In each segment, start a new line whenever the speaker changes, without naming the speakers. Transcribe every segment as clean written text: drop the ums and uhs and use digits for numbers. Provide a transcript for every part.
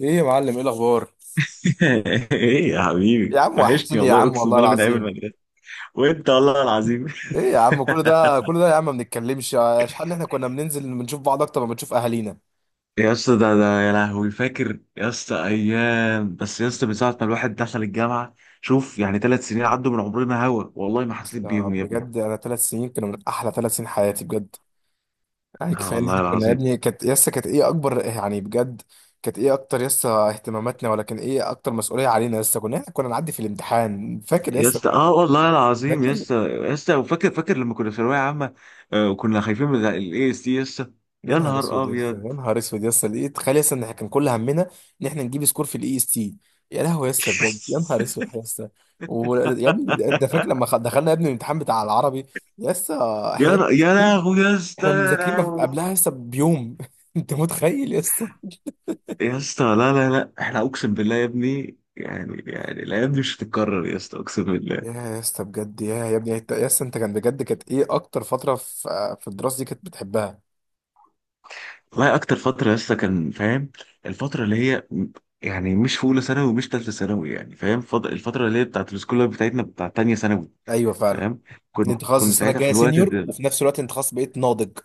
ايه يا معلم، ايه الاخبار؟
ايه يا حبيبي،
يا عم
وحشني
وحشتني يا
والله،
عم
اقسم
والله
بالله من ايام
العظيم.
المدرسه. وانت والله العظيم.
ايه يا عم، كل ده كل ده يا عم ما بنتكلمش، اشحال ان احنا كنا بننزل بنشوف بعض اكتر ما بنشوف اهالينا.
يا اسطى، ده يا لهوي، فاكر يا اسطى ايام، بس يا اسطى من ساعه ما الواحد دخل الجامعه. شوف، يعني 3 سنين عدوا من عمرنا هوا والله، ما
بس.
حسيت بيهم يا ابني.
بجد انا 3 سنين كانوا من احلى 3 سنين حياتي بجد. يعني
اه
كفايه ان
والله
احنا كنا يا
العظيم
ابني كانت يسا كانت ايه اكبر يعني بجد. كانت ايه اكتر يسا اهتماماتنا، ولا كان ايه اكتر مسؤوليه علينا يسا؟ احنا كنا نعدي في الامتحان، فاكر
يا
يسا؟
اسطى، اه والله العظيم
فاكر.
يا اسطى يا اسطى، وفاكر لما كنا في ثانويه عامه. آه، وكنا خايفين من الاي اس تي يا اسطى.
يا
يا
نهار
نهار
اسود يا اسطى، يا
ابيض.
نهار اسود يا اسطى، لقيت تخيل يا اسطى ان احنا كان كل همنا ان احنا نجيب سكور في IST. يا لهوي يا اسطى بجد، يا نهار اسود يا اسطى. يا ابني، ده فاكر لما دخلنا يا ابني الامتحان بتاع العربي؟ يا اسطى، احنا
يا لهوي يا اسطى،
احنا
يا
مذاكرين ما في-
لهوي.
قبلها يا اسطى بيوم انت متخيل يا اسطى؟
يا اسطى، لا لا لا، احنا اقسم بالله يا ابني، يعني الايام دي مش هتتكرر يا اسطى، اقسم بالله.
يا اسطى بجد، يا ابني يا اسطى انت، كان بجد كانت ايه اكتر فتره في الدراسه دي كانت بتحبها؟
والله اكتر فتره يا اسطى، كان فاهم، الفتره اللي هي يعني مش في اولى ثانوي ومش ثالثه ثانوي، يعني فاهم، الفتره اللي هي بتاعت السكول لايف بتاعتنا بتاعت ثانيه ثانوي،
ايوه فعلا.
فاهم.
ان
كنا
انت خلاص
كنا
السنه
ساعتها في
الجايه
الوقت
سينيور،
ده.
وفي نفس الوقت انت خلاص بقيت ناضج.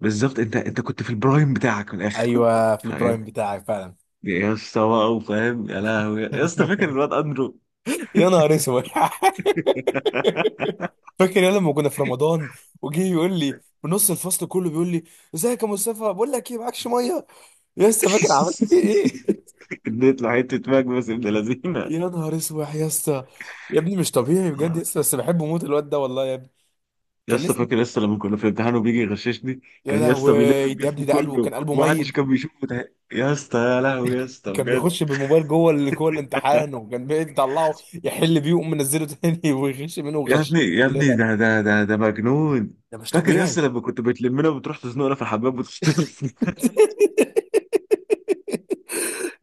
بالظبط، انت كنت في البرايم بتاعك من الاخر،
ايوه، في
فاهم.
البرايم بتاعك فعلا.
يا اسطى بقى وفاهم، يا لهوي يا اسطى، فاكر الواد اندرو؟
يا نهار اسود. فاكر يا لما كنا في رمضان؟ وجه يقول لي بنص الفصل كله بيقول لي: ازيك يا مصطفى، بقول لك ايه، معكش ميه؟ يا اسطى فاكر عملت فيه ايه؟
اديت له حته ماك، بس ابن لذينه.
يا نهار اسود يا اسطى. يا ابني مش طبيعي بجد يا اسطى، بس بحبه موت الواد ده والله يا ابني.
يا
كان
اسطى
لسه.
فاكر يا اسطى لما كنا في امتحان وبيجي يغششني،
يا
كان يا
لهوي،
اسطى بيلف
يا ابني
الجسم
ده قلبه
كله
كان قلبه
ومحدش
ميت.
كان بيشوفه، ده يا اسطى، يا لهوي يا اسطى
كان
بجد.
بيخش بالموبايل جوه جوه الامتحان، وكان بيطلعه يحل بيه ويقوم منزله تاني ويغش منه
يا
ويغش.
ابني يا ابني،
كلنا.
ده مجنون.
ده مش
فاكر يا اسطى
طبيعي.
لما كنت بتلمنا وبتروح تزنقنا في الحمام وتشتغل؟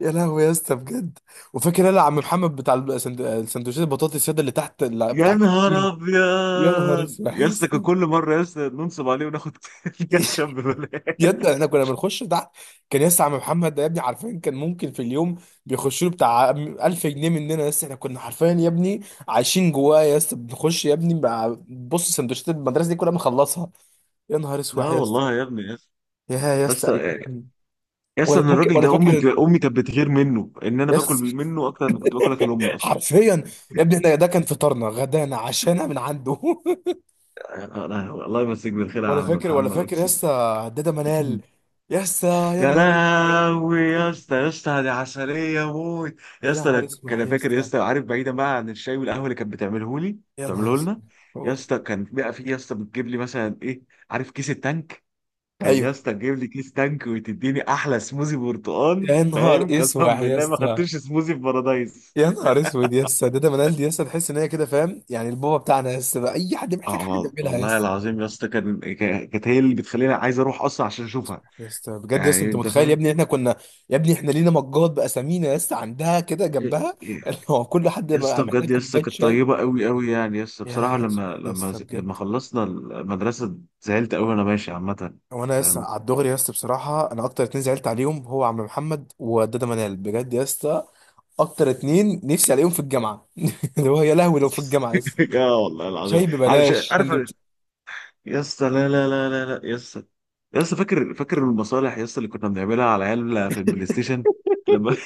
يا لهوي يا اسطى بجد. وفاكر انا عم محمد بتاع السندوتشات البطاطس، ياد اللي تحت اللي بتاع
يا نهار
الكانتين؟ يا نهار
ابيض
اسود
يا
يا
اسطى، كان
اسطى.
كل مره يا اسطى ننصب عليه وناخد كاتشب ببلاش.
ياد احنا كنا بنخش تحت. كان يا اسطى عم محمد ده يا ابني عارفين كان ممكن في اليوم بيخش له بتاع 1000 جنيه مننا يا اسطى. احنا كنا حرفيا يا ابني عايشين جواه يا اسطى، بنخش يا ابني بص سندوتشات المدرسه دي كلها بنخلصها. يا نهار اسود
اه
يا اسطى.
والله يا ابني يا اسطى،
يا يا
يا
اسطى
اسطى
ايام.
يا اسطى
ولا
ان
فاكر
الراجل
ولا
ده، امي
فاكر
امي كانت بتغير منه ان انا
يا
باكل
اسطى،
منه اكتر من كنت باكل اكل امي اصلا.
حرفيا يا ابني، احنا ده كان فطارنا غدانا عشانا من عنده
أنا- الله يمسيك بالخير يا
ولا
عم
فاكر ولا
محمد،
فاكر يا
اقسم.
اسطى؟ هداده منال. يا اسطى. يا
يا
نهار اسود.
لهوي يا اسطى، يا اسطى دي عسليه موت. يا
يا
اسطى، انا
نهار
ك-
اسوح
انا
يا
فاكر يا
اسطى.
اسطى، عارف، بعيدا بقى عن الشاي والقهوه اللي كانت بتعمله لي،
يا نهار
بتعمله لنا.
اسود.
يا
قول.
اسطى كان بقى في يا اسطى بتجيب لي مثلا ايه، عارف كيس التانك؟ كان يا
ايوه.
اسطى تجيب لي كيس تانك وتديني احلى سموزي برتقال،
يا نهار
فاهم. قسما
اسوح يا
بالله ما
اسطى.
خدتش سموزي في بارادايس.
يا نهار اسود يا اسطى، هداده منال دي يا اسطى تحس ان هي كده فاهم، يعني البابا بتاعنا يا اسطى، بقى اي حد محتاج
اه
حاجه بيعملها يا
والله
اسطى.
العظيم يا اسطى، كانت هي اللي بتخليني عايز اروح اصلا عشان اشوفها،
يا اسطى بجد، يا اسطى
يعني
انت
انت
متخيل يا
فاهم.
ابني احنا كنا؟ يا ابني احنا لينا مجات باسامينا يا اسطى عندها كده
إيه،
جنبها
إيه،
اللي هو كل حد
يا اسطى
محتاج
بجد يا اسطى
كوبايه
كانت
شاي.
طيبه قوي قوي، يعني يا اسطى
يا
بصراحه
لهوي
لما
يا
لما
اسطى
لما
بجد.
خلصنا المدرسه زعلت قوي وانا ماشي عامه،
وانا لسه
فاهم.
على الدغري يا اسطى، بصراحه انا اكتر اتنين زعلت عليهم هو عم محمد ودادا منال، بجد يا اسطى. اكتر اتنين نفسي عليهم في الجامعه اللي هو يا لهوي لو في الجامعه لسه،
اه والله العظيم،
شاي
عارف
ببلاش،
عارف.
سندوتش.
يا اسطى لا لا لا لا لا يا اسطى، يا اسطى فاكر المصالح يا اسطى اللي كنا بنعملها على العيال في البلاي ستيشن لما.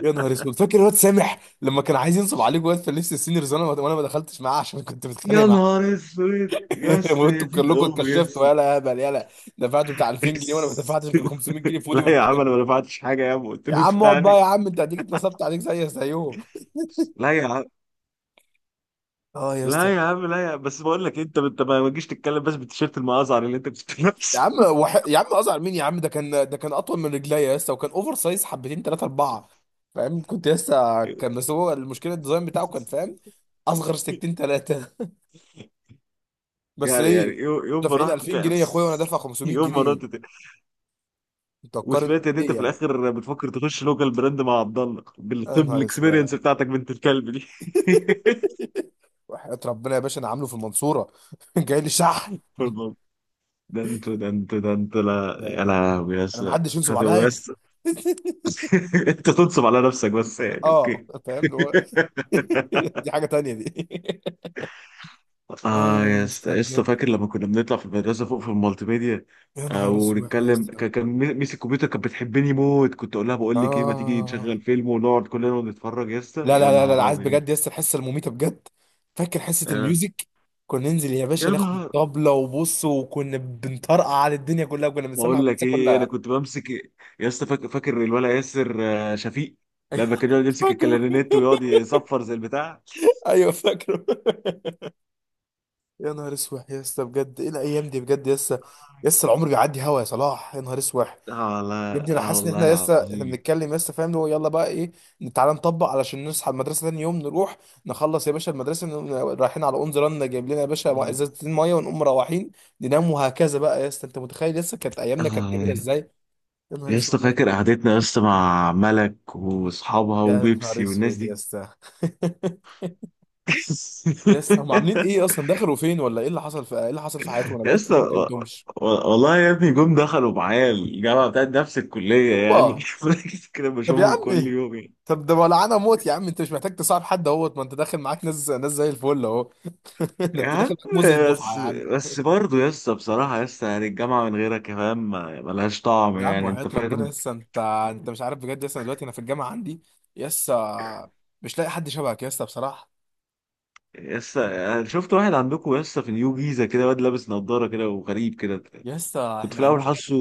يا نهار اسود. فاكر الواد سامح لما كان عايز ينصب عليك واد في لبس السينيورز؟ وانا ما دخلتش معاه عشان كنت متخانق
يا
معاه.
نهار اسود يا اسطى، يا
وانتوا
دين
كلكم
امي يا
اتكشفتوا،
اسطى.
يلا يا هبل يلا. دفعتوا بتاع 2000 جنيه وانا ما دفعتش غير 500 جنيه في ودي
لا يا
وشي.
عم، انا ما دفعتش حاجه يا عم، قلت
يا
له
عم اقعد بقى،
ادفعني.
يا عم انت هتيجي اتنصبت عليك زي زيهم.
لا يا عم،
اه يا اسطى.
لا يا عم، لا يا عم. بس بقول لك، انت ما تجيش تتكلم بس بالتيشيرت المأزعر اللي انت كنت
يا
لابسه.
عم، يا عم ازعل مين يا عم؟ ده كان، ده كان اطول من رجليا لسه، وكان اوفر سايز حبتين، ثلاثه، اربعه، فاهم، كنت لسه، كان بس هو المشكله الديزاين بتاعه كان فاهم اصغر سكتين ثلاثه. بس
يعني
ايه،
يوم ما
دافعين
رحت
2000
تعب،
جنيه يا اخويا وانا دافع 500
يوم ما
جنيه
رحت تعب
انت هتقارن؟
وسمعت ان انت
ايه
في
يعني؟
الاخر بتفكر تخش لوكال براند مع عبد الله
يا
بالطب،
نهار
الاكسبيرينس
اسود.
بتاعتك، بنت الكلب دي.
وحياة ربنا يا باشا انا عامله في المنصوره جاي لي شحن.
فالمهم، ده انت ده انت، لا
ده
يا لهوي يا
انا
اسطى.
محدش ينصب
انت
عليا.
بس. انت تنصب على نفسك بس يعني،
اه،
اوكي.
فاهم اللي هو. دي حاجه تانية دي. اه
اه يا
يا
اسطى
اسطى
يا اسطى،
بجد،
فاكر لما كنا بنطلع في المدرسه فوق في المالتي ميديا؟
يا
آه،
نهار اسود يا
ونتكلم،
اسطى.
كان ميس الكمبيوتر كانت بتحبني موت، كنت اقول لها بقول لك ايه، ما تيجي
اه،
نشغل فيلم ونقعد كلنا ونتفرج؟ يا اسطى
لا
يا
لا لا لا لا،
نهار
عايز
ابيض.
بجد يس الحصه المميته بجد. فاكر حصه
آه
الميوزك؟ كنا ننزل يا
يا
باشا ناخد
نهار،
طبلة وبص، وكنا بنطرقع على الدنيا كلها، كنا بنسمع
بقول لك
الدنيا
ايه، انا
كلها.
كنت بمسك. يا اسطى فاكر الولد ياسر، شفيق، لما كان يقعد يمسك
فاكره.
الكلارينيت ويقعد يصفر زي البتاع.
ايوه فاكره. يا نهار اسود يا اسطى بجد، ايه الايام دي بجد يا اسطى. يا اسطى العمر بيعدي هوا يا صلاح، يا نهار اسود.
اه لا،
يا ابني انا
اه
حاسس ان
والله
احنا لسه احنا
العظيم.
بنتكلم لسه فاهم، اللي هو يلا بقى ايه، تعالى نطبق علشان نصحى المدرسه تاني يوم نروح، نخلص يا باشا المدرسه نقوم رايحين على اونز رن جايب لنا يا باشا
آه،
ازازتين ميه ونقوم مروحين، ننام وهكذا بقى يا اسطى. انت متخيل لسه كانت ايامنا كانت جميله
آه،
ازاي؟ يا نهار
يا
اسود.
اسطى فاكر قعدتنا يا اسطى مع ملك واصحابها
يا نهار
وبيبسي والناس
اسود يا
دي.
اسطى. يا اسطى هم عاملين ايه اصلا؟ دخلوا فين ولا ايه اللي حصل؟ في ايه اللي حصل في حياتهم؟ انا
يا
بقيت كتير
اسطى
أوي ما كلمتهمش.
والله يا ابني، جم دخلوا معايا الجامعه بتاعت نفس الكليه يعني.
اوبا.
فاكر كده
طب يا
بشوفهم كل
عمي،
يوم يعني.
طب ده ولعانه موت يا عم، انت مش محتاج تصاحب حد اهوت، ما انت داخل معاك ناس، ناس زي الفل اهو. ده
يا
انت
عم
داخل معاك موز الدفعه
بس
يا عم.
بس برضه يا اسطى بصراحه، يا اسطى يعني الجامعه من غيرك يا فاهم ملهاش طعم،
يا عم
يعني
وحياة
انت
ربنا
فاهم.
لسه انت، انت مش عارف بجد لسه دلوقتي انا في الجامعه عندي، لسه، مش لاقي حد شبهك لسه بصراحه.
يا اسطى أنا شفت واحد عندكم يا اسطى في نيو جيزه، كده واد لابس نضاره كده وغريب كده،
لسه
كنت في
احنا
الاول
عندنا.
حاسه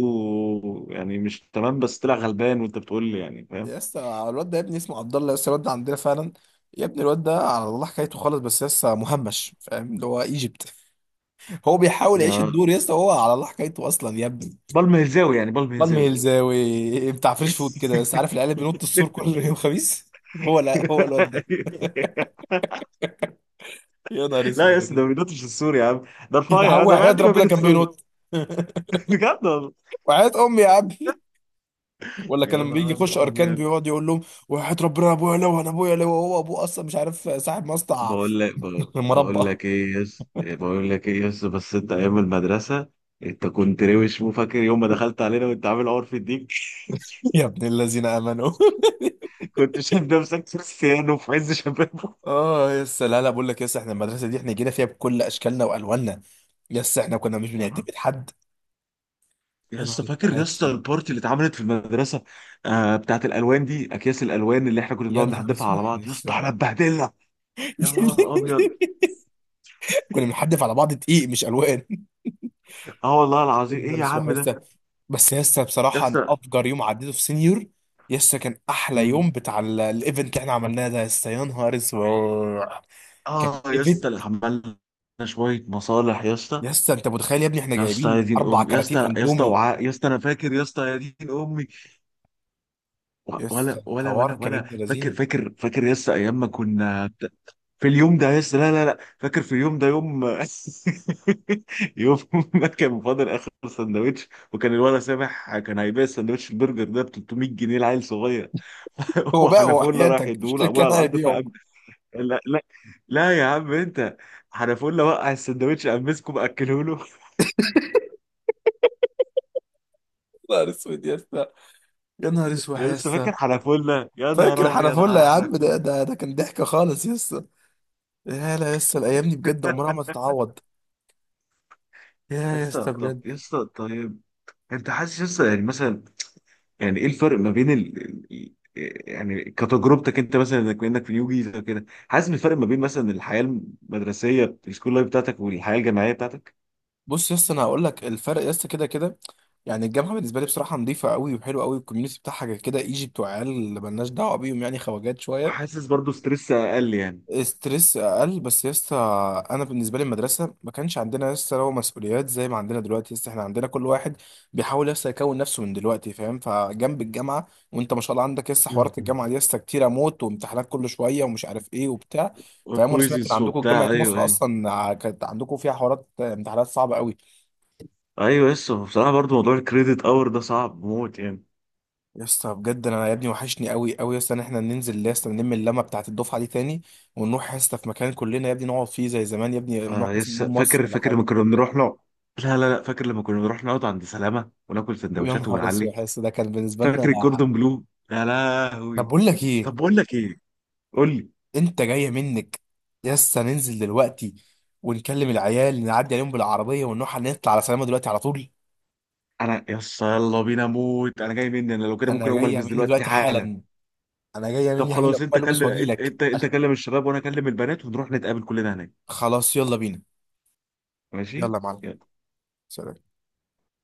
يعني مش تمام، بس طلع غلبان وانت بتقول لي، يعني فاهم.
لسه الواد ده يا ابني اسمه عبد الله، لسه الواد ده عندنا فعلا. يا ابني الواد ده على الله حكايته خالص، بس لسه مهمش فاهم اللي هو ايجيبت. هو بيحاول يعيش
ده
الدور، لسه هو على الله حكايته اصلا يا ابني.
بالم هزاوي، يعني بالم
بالم
هزاوي.
هلزاوي بتاع فريش فود كده، لسه عارف العيال اللي بينط السور كل يوم خميس؟ هو، لا هو الواد ده. يا نهار
لا يا
اسود يا
اسطى، ده ما
جدع.
بينطش السور يا عم، ده
يا
رفيع،
عم
آه، ده
وحياة
معدي ما
ربنا
بين
كان
السور.
بينط.
بجد والله،
وحياة امي يا عم. ولا كان
يا
لما بيجي يخش
نهار
اركان
ابيض.
بيقعد يقول لهم، وحياة ربنا ابويا، لو انا ابويا، لو هو ابوه اصلا، مش عارف صاحب مصنع مربى.
بقول لك ايه يا اسطى، بقول لك ايه يا اسطى، بس انت ايام المدرسه انت كنت روش. مو فاكر يوم ما دخلت علينا وانت عامل عور في الديك؟
يا ابن الذين امنوا.
كنت شايف نفسك كريستيانو في عز شبابه.
اه يس، لا لا، بقول لك يس احنا المدرسه دي احنا جينا فيها بكل اشكالنا والواننا. يس احنا كنا مش بنعتمد حد. يا
يا اسطى
نهار
فاكر يا اسطى
اسود.
البارتي اللي اتعملت في المدرسه، بتاعت الالوان دي، اكياس الالوان اللي احنا كنا
يا
بنقعد
نهار
نحدفها
اسود
على بعض، يا
يس.
اسطى احنا اتبهدلنا. يا نهار ابيض،
كنا بنحدف على بعض دقيق مش الوان.
اه والله
يا
العظيم، ايه
نهار
يا
اسود
عم
يس.
ده
بس يا اسطى
يا
بصراحه أنا
اسطى.
افجر يوم عديته في سينيور، يا اسطى كان احلى
مم.
يوم بتاع الايفنت اللي احنا عملناه ده يا اسطى، يا نهار اسود. كان
اه يا اسطى،
ايفنت.
اللي عملنا شويه مصالح يا
يا
اسطى.
اسطى انت متخيل يا ابني احنا
يا اسطى يا
جايبين
دين
اربع
ام يا اسطى،
كراتين
يا اسطى
اندومي؟
وعاء يا اسطى، انا فاكر يا اسطى، يا دين امي.
يا اسطى
ولا ولا ولا
الحوار كان
ولا
ابن
فاكر
لذينه.
فاكر فاكر يس ايام ما كنا في اليوم ده، يس لا لا لا، فاكر في اليوم ده، يوم يوم ما كان فاضل اخر سندوتش، وكان الولد سامح كان هيبيع السندوتش البرجر ده ب 300 جنيه لعيل صغير.
هو بقى هو
وحنفوله راح
حياتك، مش
يديهوله
اللي
ابويا
كان
على الارض
هيبيعه.
فقام. لا لا لا يا عم، انت حنفوله وقع السندوتش قام مسكه مأكله له.
يا نهار اسود يا اسطى. يا نهار اسود يا
لسه فاكر
اسطى.
حنفوله، يا
فاكر
نهار ابيض
حنفله
على
يا عم؟
حنفوله.
ده كان ضحكه خالص يا اسطى. يا لا يا اسطى، الايام دي بجد عمرها ما تتعوض. يا يا
يسطا
اسطى
طب
بجد.
يسطا، طيب انت حاسس لسه يعني مثلا، يعني ايه الفرق ما بين ال- يعني كتجربتك انت مثلا، انك في نيو جيزه كده حاسس بالفرق ما بين مثلا الحياه المدرسيه السكول لايف بتاعتك والحياه الجامعيه بتاعتك؟
بص يا اسطى انا هقول لك الفرق يا اسطى كده كده. يعني الجامعه بالنسبه لي بصراحه نظيفه قوي وحلوه قوي، الكوميونتي بتاعها كده كده ايجي بتوع عيال اللي مالناش دعوه بيهم، يعني خواجات شويه.
وحاسس برضو ستريس اقل يعني.
ستريس اقل بس يا اسطى، انا بالنسبه لي المدرسه ما كانش عندنا يا اسطى لو مسؤوليات زي ما عندنا دلوقتي يا اسطى. احنا عندنا كل واحد بيحاول يا اسطى يكون نفسه من دلوقتي فاهم، فجنب الجامعه وانت ما شاء الله عندك يا اسطى حوارات
مم.
الجامعه دي يا اسطى كتيره موت، وامتحانات كل شويه ومش عارف ايه وبتاع. فاهم؟ وانا سمعت ان
وكويزز
عندكم جامعه
وبتاع، ايوه
مصر
ايوه
اصلا كانت عندكم فيها حوارات امتحانات صعبه قوي.
ايوه. لسه بصراحه برضو موضوع الكريدت اور ده صعب موت يعني.
يا اسطى بجد انا يا ابني وحشني قوي قوي يا اسطى ان احنا ننزل يا اسطى نلم اللمه بتاعت الدفعه دي تاني، ونروح يا اسطى في مكان كلنا يا ابني نقعد فيه زي زمان يا ابني،
آه،
نروح مثلا مول
لسه
مصر
فاكر
ولا
فاكر لما
حاجه.
كنا بنروح نقعد، لا لا لا، فاكر لما كنا بنروح نقعد عند سلامه وناكل
ويا
سندوتشات
نهار اسود
ونعلي.
يا اسطى ده كان بالنسبه لنا.
فاكر الكوردون بلو؟ يا
طب
لهوي.
بقول لك ايه.
طب بقول لك ايه، قول لي،
انت جايه منك؟ يا اسطى ننزل دلوقتي ونكلم العيال نعدي عليهم بالعربيه، ونروح نطلع على سلامه دلوقتي على طول.
انا يس يلا بينا موت، انا جاي مني، انا لو كده ممكن
انا
اقوم
جايه
البس
مني
دلوقتي
دلوقتي
حالا.
حالا. انا جايه
طب
مني حالا
خلاص، انت
اقوم البس
كلم
واجي
انت
لك.
انت انت كلم الشباب، وانا اكلم البنات، ونروح نتقابل كلنا هناك.
خلاص يلا بينا.
ماشي،
يلا يا معلم.
يلا.
سلام.